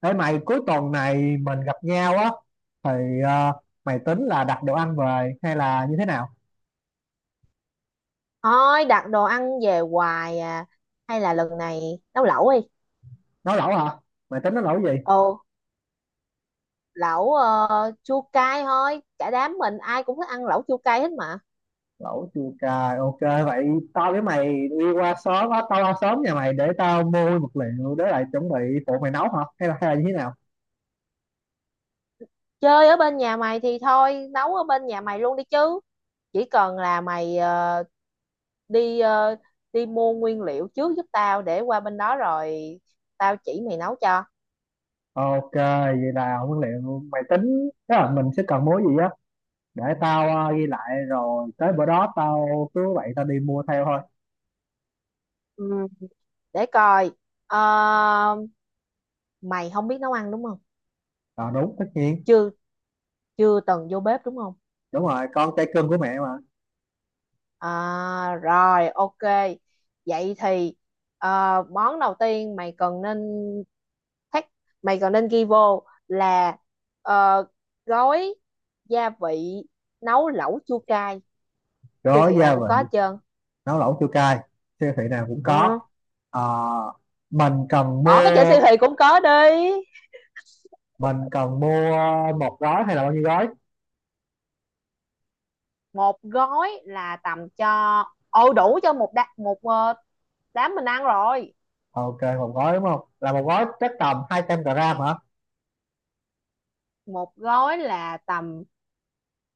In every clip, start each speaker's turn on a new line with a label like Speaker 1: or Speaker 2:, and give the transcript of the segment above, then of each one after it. Speaker 1: Ê mày, cuối tuần này mình gặp nhau á thì ờ, mày tính là đặt đồ ăn về hay là như thế nào?
Speaker 2: Thôi đặt đồ ăn về hoài à. Hay là lần này nấu lẩu đi.
Speaker 1: Nấu lẩu hả? Mày tính nấu lẩu gì?
Speaker 2: Ồ Lẩu chua cay thôi. Cả đám mình ai cũng thích ăn lẩu chua cay hết mà.
Speaker 1: Lẩu chua cay. Ok vậy tao với mày đi qua sớm á, tao qua sớm nhà mày để tao mua vật liệu để lại chuẩn bị phụ mày nấu hả? Hay là như thế nào?
Speaker 2: Chơi ở bên nhà mày thì thôi. Nấu ở bên nhà mày luôn đi chứ. Chỉ cần là mày đi ờ, đi mua nguyên liệu trước giúp tao. Để qua bên đó rồi tao chỉ mày nấu cho.
Speaker 1: Ok, vậy là nguyên liệu mày tính, tức là mình sẽ cần mua gì á, để tao ghi lại rồi tới bữa đó tao cứ vậy đi mua theo thôi.
Speaker 2: Ừ. Để coi. Ờ, Mày không biết nấu ăn đúng không?
Speaker 1: À, đúng, tất nhiên.
Speaker 2: Chưa Chưa từng vô bếp đúng không?
Speaker 1: Đúng rồi, con trai cưng của mẹ mà.
Speaker 2: À rồi, ok. Vậy thì món đầu tiên mày cần nên thách mày cần nên ghi vô là ờ, gói gia vị nấu lẩu chua cay, siêu
Speaker 1: Có
Speaker 2: thị
Speaker 1: gia
Speaker 2: nào cũng có hết
Speaker 1: vị
Speaker 2: trơn.
Speaker 1: nấu lẩu chua cay siêu thị nào cũng có.
Speaker 2: Ừ.
Speaker 1: Ờ, mình cần
Speaker 2: Bỏ cái chữ
Speaker 1: mua,
Speaker 2: siêu thị cũng có đi.
Speaker 1: mình cần mua một gói hay là bao nhiêu gói?
Speaker 2: Một gói là tầm cho đủ cho một đá, một ờ, đám mình ăn rồi.
Speaker 1: Ok một gói, đúng không? Là một gói chắc tầm 200 gram hả?
Speaker 2: Một gói là tầm,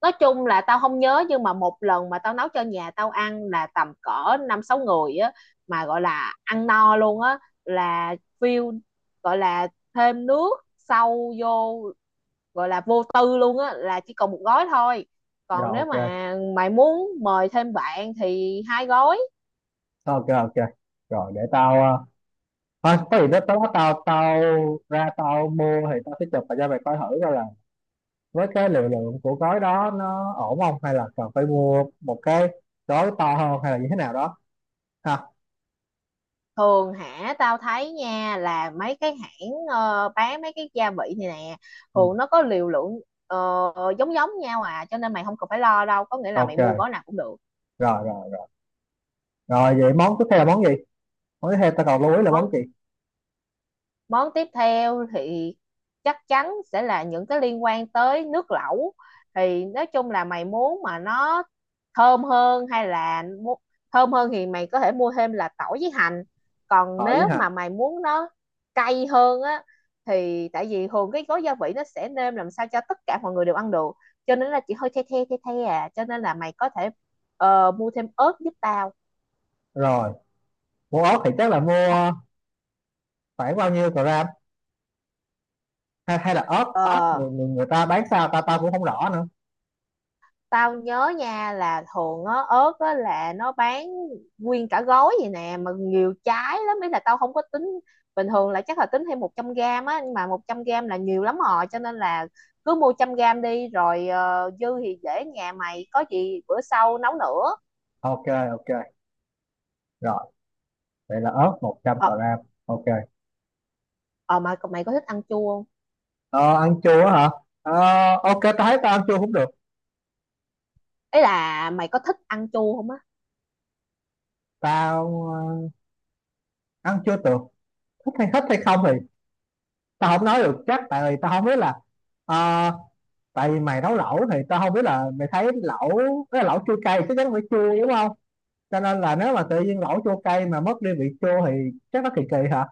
Speaker 2: nói chung là tao không nhớ, nhưng mà một lần mà tao nấu cho nhà tao ăn là tầm cỡ năm sáu người á, mà gọi là ăn no luôn á, là view, gọi là thêm nước sâu vô, gọi là vô tư luôn á là chỉ còn một gói thôi.
Speaker 1: Rồi,
Speaker 2: Còn nếu
Speaker 1: ok
Speaker 2: mà mày muốn mời thêm bạn thì hai gói.
Speaker 1: ok ok Rồi để tao, ờ, thôi có gì đó tao tao tao ra tao mua thì tao sẽ chụp và cho mày coi thử coi là với cái liều lượng của gói đó nó ổn không, hay là cần phải mua một cái gói to hơn hay là như thế nào đó ha.
Speaker 2: Thường hả, tao thấy nha là mấy cái hãng bán mấy cái gia vị này nè,
Speaker 1: Ừ.
Speaker 2: thường nó có liều lượng ờ, giống giống nhau à, cho nên mày không cần phải lo đâu, có nghĩa là
Speaker 1: Ok
Speaker 2: mày mua gói nào cũng được.
Speaker 1: rồi rồi rồi rồi Vậy món tiếp theo là món gì? Mới theo ta còn lưu ý là món
Speaker 2: Món
Speaker 1: gì?
Speaker 2: Món tiếp theo thì chắc chắn sẽ là những cái liên quan tới nước lẩu. Thì nói chung là mày muốn mà nó thơm hơn hay là thơm hơn thì mày có thể mua thêm là tỏi với hành. Còn
Speaker 1: Phở với
Speaker 2: nếu
Speaker 1: hành.
Speaker 2: mà mày muốn nó cay hơn á thì tại vì thường cái gói gia vị nó sẽ nêm làm sao cho tất cả mọi người đều ăn được. Cho nên là chỉ hơi the à, cho nên là mày có thể mua thêm ớt giúp tao.
Speaker 1: Rồi, mua ớt thì chắc là
Speaker 2: Ho-
Speaker 1: mua khoảng bao nhiêu gram? Hay là ớt, ớt
Speaker 2: Ờ,
Speaker 1: người ta bán sao ta ta cũng không rõ nữa.
Speaker 2: tao nhớ nha là thường á ớt á là nó bán nguyên cả gói vậy nè, mà nhiều trái lắm, ý là tao không có tính bình thường, là chắc là tính thêm 100 gram á, nhưng mà 100 gram là nhiều lắm rồi, cho nên là cứ mua 100 gram đi, rồi dư thì để nhà mày có gì bữa sau nấu nữa.
Speaker 1: Ok, ok. Rồi, vậy là ớt 100
Speaker 2: ờ
Speaker 1: gram. Ok.
Speaker 2: ờ mà mày có thích ăn chua không?
Speaker 1: Ờ, ăn chua hả? Ờ, ok, ta thấy tao ăn chua cũng được.
Speaker 2: Ý là mày có thích ăn chua không á?
Speaker 1: Tao ăn chua được. Thích hay không thì tao không nói được chắc, tại vì tao không biết là ờ, tại vì mày nấu lẩu thì tao không biết là mày thấy lẩu, cái lẩu chua cay chắc chắn phải chua đúng không? Cho nên là nếu mà tự nhiên lẩu chua cay mà mất đi vị chua thì chắc nó kỳ kỳ hả.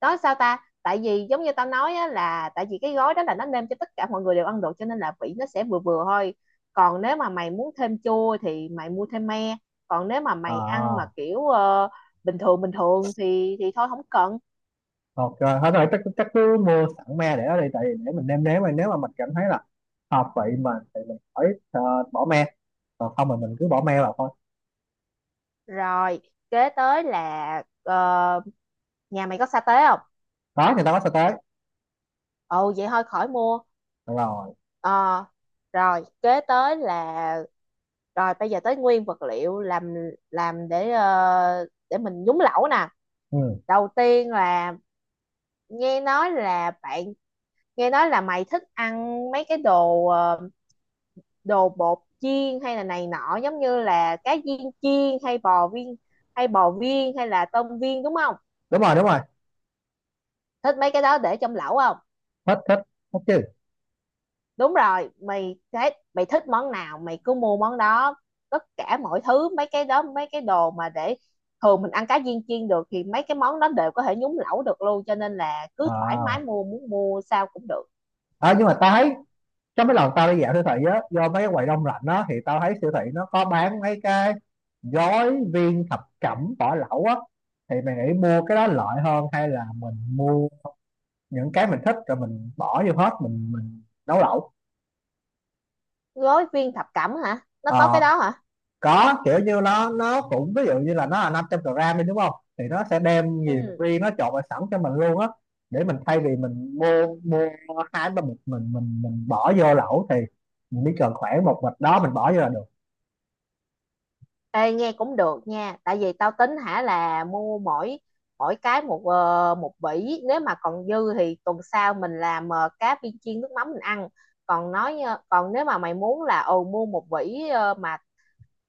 Speaker 2: Đó sao ta, tại vì giống như tao nói á, là tại vì cái gói đó là nó nêm cho tất cả mọi người đều ăn được, cho nên là vị nó sẽ vừa vừa thôi. Còn nếu mà mày muốn thêm chua thì mày mua thêm me. Còn nếu mà mày ăn mà
Speaker 1: À
Speaker 2: kiểu bình thường thì thôi không cần.
Speaker 1: ok, thôi thôi chắc chắc cứ mua sẵn me để ở đây, tại vì để mình nêm nếm mà nếu mà mình cảm thấy là hợp vị mình thì mình khỏi bỏ me, còn không thì mình cứ bỏ me
Speaker 2: Ờ,
Speaker 1: vào thôi.
Speaker 2: rồi kế tới là nhà mày có sa tế không?
Speaker 1: Đó người ta có sao tới.
Speaker 2: Ồ vậy thôi khỏi mua.
Speaker 1: Được rồi.
Speaker 2: Ờ, rồi kế tới là rồi bây giờ tới nguyên vật liệu làm để để mình nhúng lẩu nè.
Speaker 1: Ừ.
Speaker 2: Đầu tiên là nghe nói là bạn nghe nói là mày thích ăn mấy cái đồ đồ bột chiên hay là này nọ, giống như là cá viên chiên hay bò viên hay là tôm viên, đúng không?
Speaker 1: Đúng rồi, đúng rồi.
Speaker 2: Thích mấy cái đó để trong lẩu không?
Speaker 1: Thích, thích chứ.
Speaker 2: Đúng rồi, mày thấy mày thích món nào mày cứ mua món đó. Tất cả mọi thứ mấy cái đó, mấy cái đồ mà để thường mình ăn cá viên chiên được thì mấy cái món đó đều có thể nhúng lẩu được luôn, cho nên là cứ thoải mái
Speaker 1: À.
Speaker 2: mua, muốn mua sao cũng được.
Speaker 1: À nhưng mà tao thấy trong mấy lần tao đi dạo siêu thị á, do mấy cái quầy đông lạnh á thì tao thấy siêu thị nó có bán mấy cái gói viên thập cẩm vỏ lẩu á, thì mày nghĩ mua cái đó lợi hơn hay là mình mua những cái mình thích rồi mình bỏ vô hết mình nấu lẩu?
Speaker 2: Gói viên thập cẩm hả? Nó có cái
Speaker 1: Ờ,
Speaker 2: đó hả?
Speaker 1: có kiểu như nó cũng ví dụ như là nó là 500 gram đi đúng không, thì nó sẽ đem nhiều,
Speaker 2: Ừ.
Speaker 1: riêng nó trộn vào sẵn cho mình luôn á, để mình thay vì mình mua mua hai ba bịch mình bỏ vô lẩu, thì mình chỉ cần khoảng một bịch đó mình bỏ vô là được.
Speaker 2: Ê, nghe cũng được nha, tại vì tao tính hả là mua mỗi mỗi cái một một vỉ, nếu mà còn dư thì tuần sau mình làm cá viên chiên nước mắm mình ăn. Còn còn nếu mà mày muốn là ồ mua một vỉ mà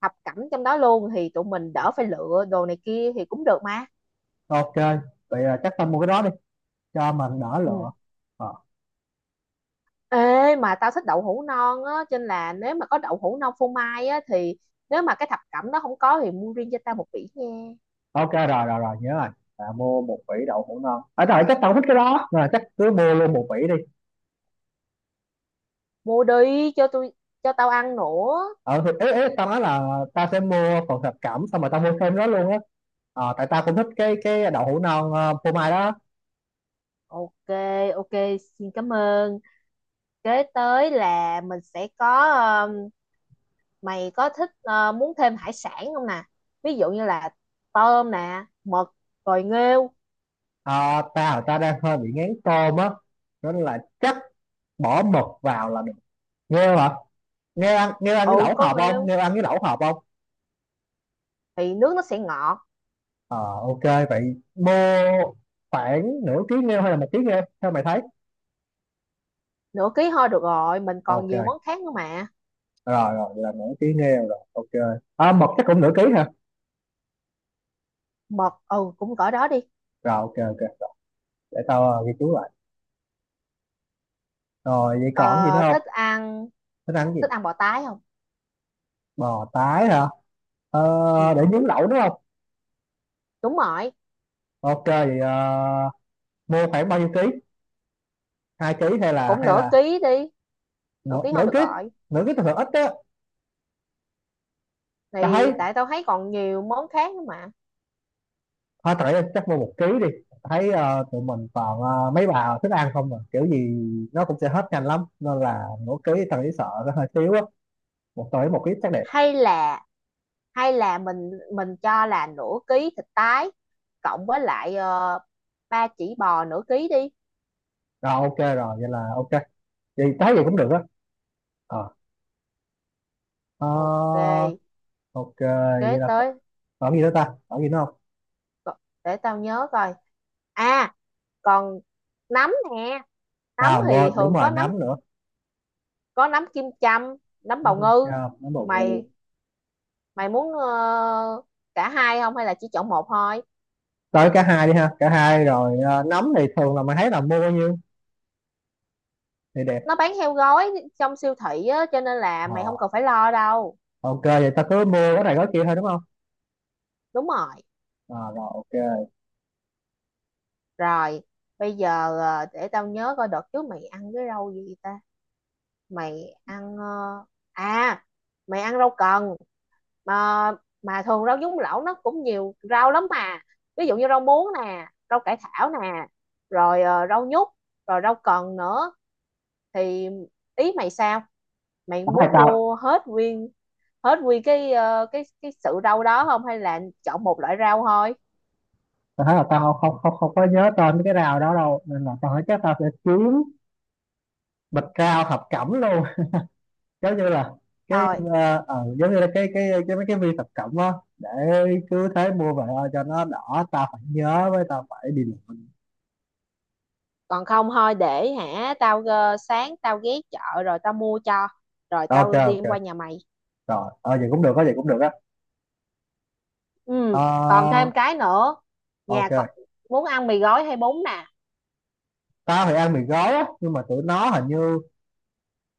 Speaker 2: thập cẩm trong đó luôn thì tụi mình đỡ phải lựa đồ này kia thì cũng được mà.
Speaker 1: Ok, vậy là chắc tao mua cái đó đi cho mình đỡ
Speaker 2: Ừ.
Speaker 1: lựa. Ờ,
Speaker 2: Ê mà tao thích đậu hũ non á, cho nên là nếu mà có đậu hũ non phô mai á thì nếu mà cái thập cẩm đó không có thì mua riêng cho tao một vỉ nha.
Speaker 1: ok, rồi rồi rồi nhớ rồi. À, mua một vỉ đậu hũ non ở rồi, chắc tao thích cái đó rồi, chắc cứ mua luôn một vỉ đi.
Speaker 2: Mua đi cho tôi, cho tao ăn nữa.
Speaker 1: Ờ thì ý, ý, tao nói là tao sẽ mua phần thập cẩm xong rồi tao mua thêm đó luôn á. Ờ, tại tao cũng thích cái đậu hũ non phô mai đó.
Speaker 2: Ok ok, xin cảm ơn. Kế tới là mình sẽ có, um, mày có thích muốn thêm hải sản không nè? Ví dụ như là tôm nè, mực, rồi nghêu.
Speaker 1: Ờ, tao tao đang hơi bị ngán tôm á nên là chắc bỏ mực vào là được. Nghêu hả? nghêu ăn nghêu ăn cái
Speaker 2: Ừ
Speaker 1: lẩu
Speaker 2: có
Speaker 1: hộp không
Speaker 2: nghêu
Speaker 1: Nghêu ăn cái lẩu hộp không?
Speaker 2: thì nước nó sẽ ngọt.
Speaker 1: Ờ ok, vậy mua khoảng nửa ký nghêu hay là một ký nghêu theo mày thấy?
Speaker 2: Nửa ký thôi được rồi, mình còn
Speaker 1: Ok,
Speaker 2: nhiều món khác nữa mà.
Speaker 1: rồi rồi vậy là nửa ký nêu rồi ok. À, mực chắc cũng nửa ký ha.
Speaker 2: Mực ừ cũng cỡ đó đi.
Speaker 1: Rồi ok ok rồi. Để tao ghi chú lại. Rồi vậy còn gì nữa
Speaker 2: Ờ,
Speaker 1: không?
Speaker 2: thích ăn,
Speaker 1: Thích ăn gì?
Speaker 2: thích ăn bò tái không?
Speaker 1: Bò tái hả?
Speaker 2: Ừ
Speaker 1: Ờ, để
Speaker 2: hứ,
Speaker 1: nướng lẩu đúng không?
Speaker 2: đúng rồi.
Speaker 1: Ok vậy mua khoảng bao nhiêu ký? Hai ký hay là
Speaker 2: Cũng
Speaker 1: hay
Speaker 2: nửa
Speaker 1: là?
Speaker 2: ký đi. Nửa
Speaker 1: nửa,
Speaker 2: ký thôi
Speaker 1: nửa
Speaker 2: được
Speaker 1: ký
Speaker 2: rồi.
Speaker 1: Nửa ký thường ít á. Tao thấy
Speaker 2: Thì tại tao thấy còn nhiều món khác nữa mà.
Speaker 1: thôi tại chắc mua một ký đi. Tao thấy tụi mình toàn mấy bà thích ăn không mà kiểu gì nó cũng sẽ hết nhanh lắm, nên là nửa ký tao nghĩ sợ nó hơi thiếu á, một tới một ký chắc đẹp.
Speaker 2: Hay là hay là mình mình cho là nửa ký thịt tái cộng với lại ba chỉ bò nửa ký đi.
Speaker 1: Rồi ok rồi, vậy là ok. Vậy tái gì cũng được á. À, ờ,
Speaker 2: Ok,
Speaker 1: ok.
Speaker 2: kế
Speaker 1: Vậy là
Speaker 2: tới.
Speaker 1: còn gì nữa ta, còn gì nữa không?
Speaker 2: co- để tao nhớ coi. À, còn nấm nè. Nấm
Speaker 1: À
Speaker 2: thì
Speaker 1: quên, đúng
Speaker 2: thường
Speaker 1: rồi,
Speaker 2: có nấm,
Speaker 1: nấm nữa.
Speaker 2: có nấm kim châm, nấm
Speaker 1: Nấm
Speaker 2: bào
Speaker 1: thiên
Speaker 2: ngư.
Speaker 1: châu, nấm bột ngô.
Speaker 2: Mày Mày muốn cả hai không hay là chỉ chọn một thôi?
Speaker 1: Tới cả hai đi ha, cả hai. Rồi nấm thì thường là mình thấy là mua bao nhiêu thì đẹp?
Speaker 2: Nó bán theo gói trong siêu thị á, cho nên là mày không
Speaker 1: Ờ,
Speaker 2: cần phải lo đâu.
Speaker 1: ok vậy ta cứ mua cái này cái kia thôi đúng không?
Speaker 2: Đúng rồi.
Speaker 1: À, rồi ok.
Speaker 2: Rồi, bây giờ để tao nhớ coi đợt trước mày ăn cái rau gì ta? Mày ăn à, mày ăn rau cần mà mà thường rau nhúng lẩu nó cũng nhiều rau lắm mà. Ví dụ như rau muống nè, rau cải thảo nè, rồi rau nhút, rồi rau cần nữa. Thì ý mày sao? Mày
Speaker 1: tao thấy
Speaker 2: muốn
Speaker 1: tao
Speaker 2: mua hết nguyên cái cái sự rau đó không hay là chọn một loại rau thôi?
Speaker 1: tao thấy là tao không không không có nhớ tên mấy cái rau đó đâu, nên là tao thấy chắc tao sẽ kiếm bịch rau thập cẩm luôn, giống như là cái,
Speaker 2: Thôi,
Speaker 1: giống như là cái mấy cái viên thập cẩm á, để cứ thế mua về cho nó đỏ. Tao phải nhớ với tao phải đi lượm.
Speaker 2: còn không thôi để hả tao sáng tao ghé chợ rồi tao mua cho, rồi
Speaker 1: Ok
Speaker 2: tao đem qua
Speaker 1: ok,
Speaker 2: nhà mày.
Speaker 1: rồi ờ vậy cũng được á, vậy cũng được á.
Speaker 2: Ừ còn
Speaker 1: Ờ,
Speaker 2: thêm cái nữa. Nhà cậu
Speaker 1: ok.
Speaker 2: muốn ăn mì gói hay bún nè?
Speaker 1: Tao thì ăn mì gói á, nhưng mà tụi nó hình như,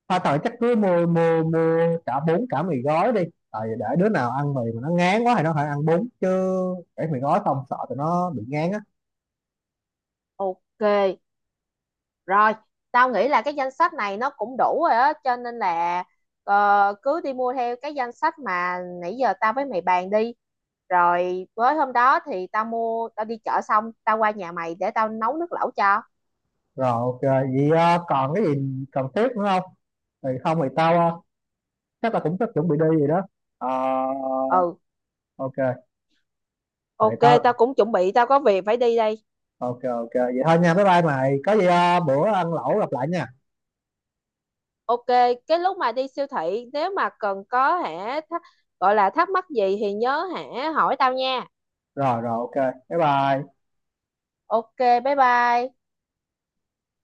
Speaker 1: tao thời chắc cứ mua mua mua cả bún cả mì gói đi, tại vì để đứa nào ăn mì mà nó ngán quá thì nó phải ăn bún chứ, để mì gói không sợ tụi nó bị ngán á.
Speaker 2: Ok rồi, tao nghĩ là cái danh sách này nó cũng đủ rồi á, cho nên là cứ đi mua theo cái danh sách mà nãy giờ tao với mày bàn đi, rồi với hôm đó thì tao mua, tao đi chợ xong tao qua nhà mày để tao nấu nước lẩu cho.
Speaker 1: Rồi ok, vậy còn cái gì cần thiết nữa không? Thì không thì tao chắc là cũng sắp chuẩn bị đi gì đó. Ờ,
Speaker 2: Ừ.
Speaker 1: ok. Vậy
Speaker 2: Ok, tao
Speaker 1: tao,
Speaker 2: cũng chuẩn bị, tao có việc phải đi đây.
Speaker 1: ok ok, vậy thôi nha, bye bye, mày có gì bữa ăn lẩu gặp lại nha.
Speaker 2: Ok, cái lúc mà đi siêu thị nếu mà cần có hả gọi là thắc mắc gì thì nhớ hả hỏi tao nha.
Speaker 1: Rồi rồi ok, bye bye.
Speaker 2: Ok, bye bye.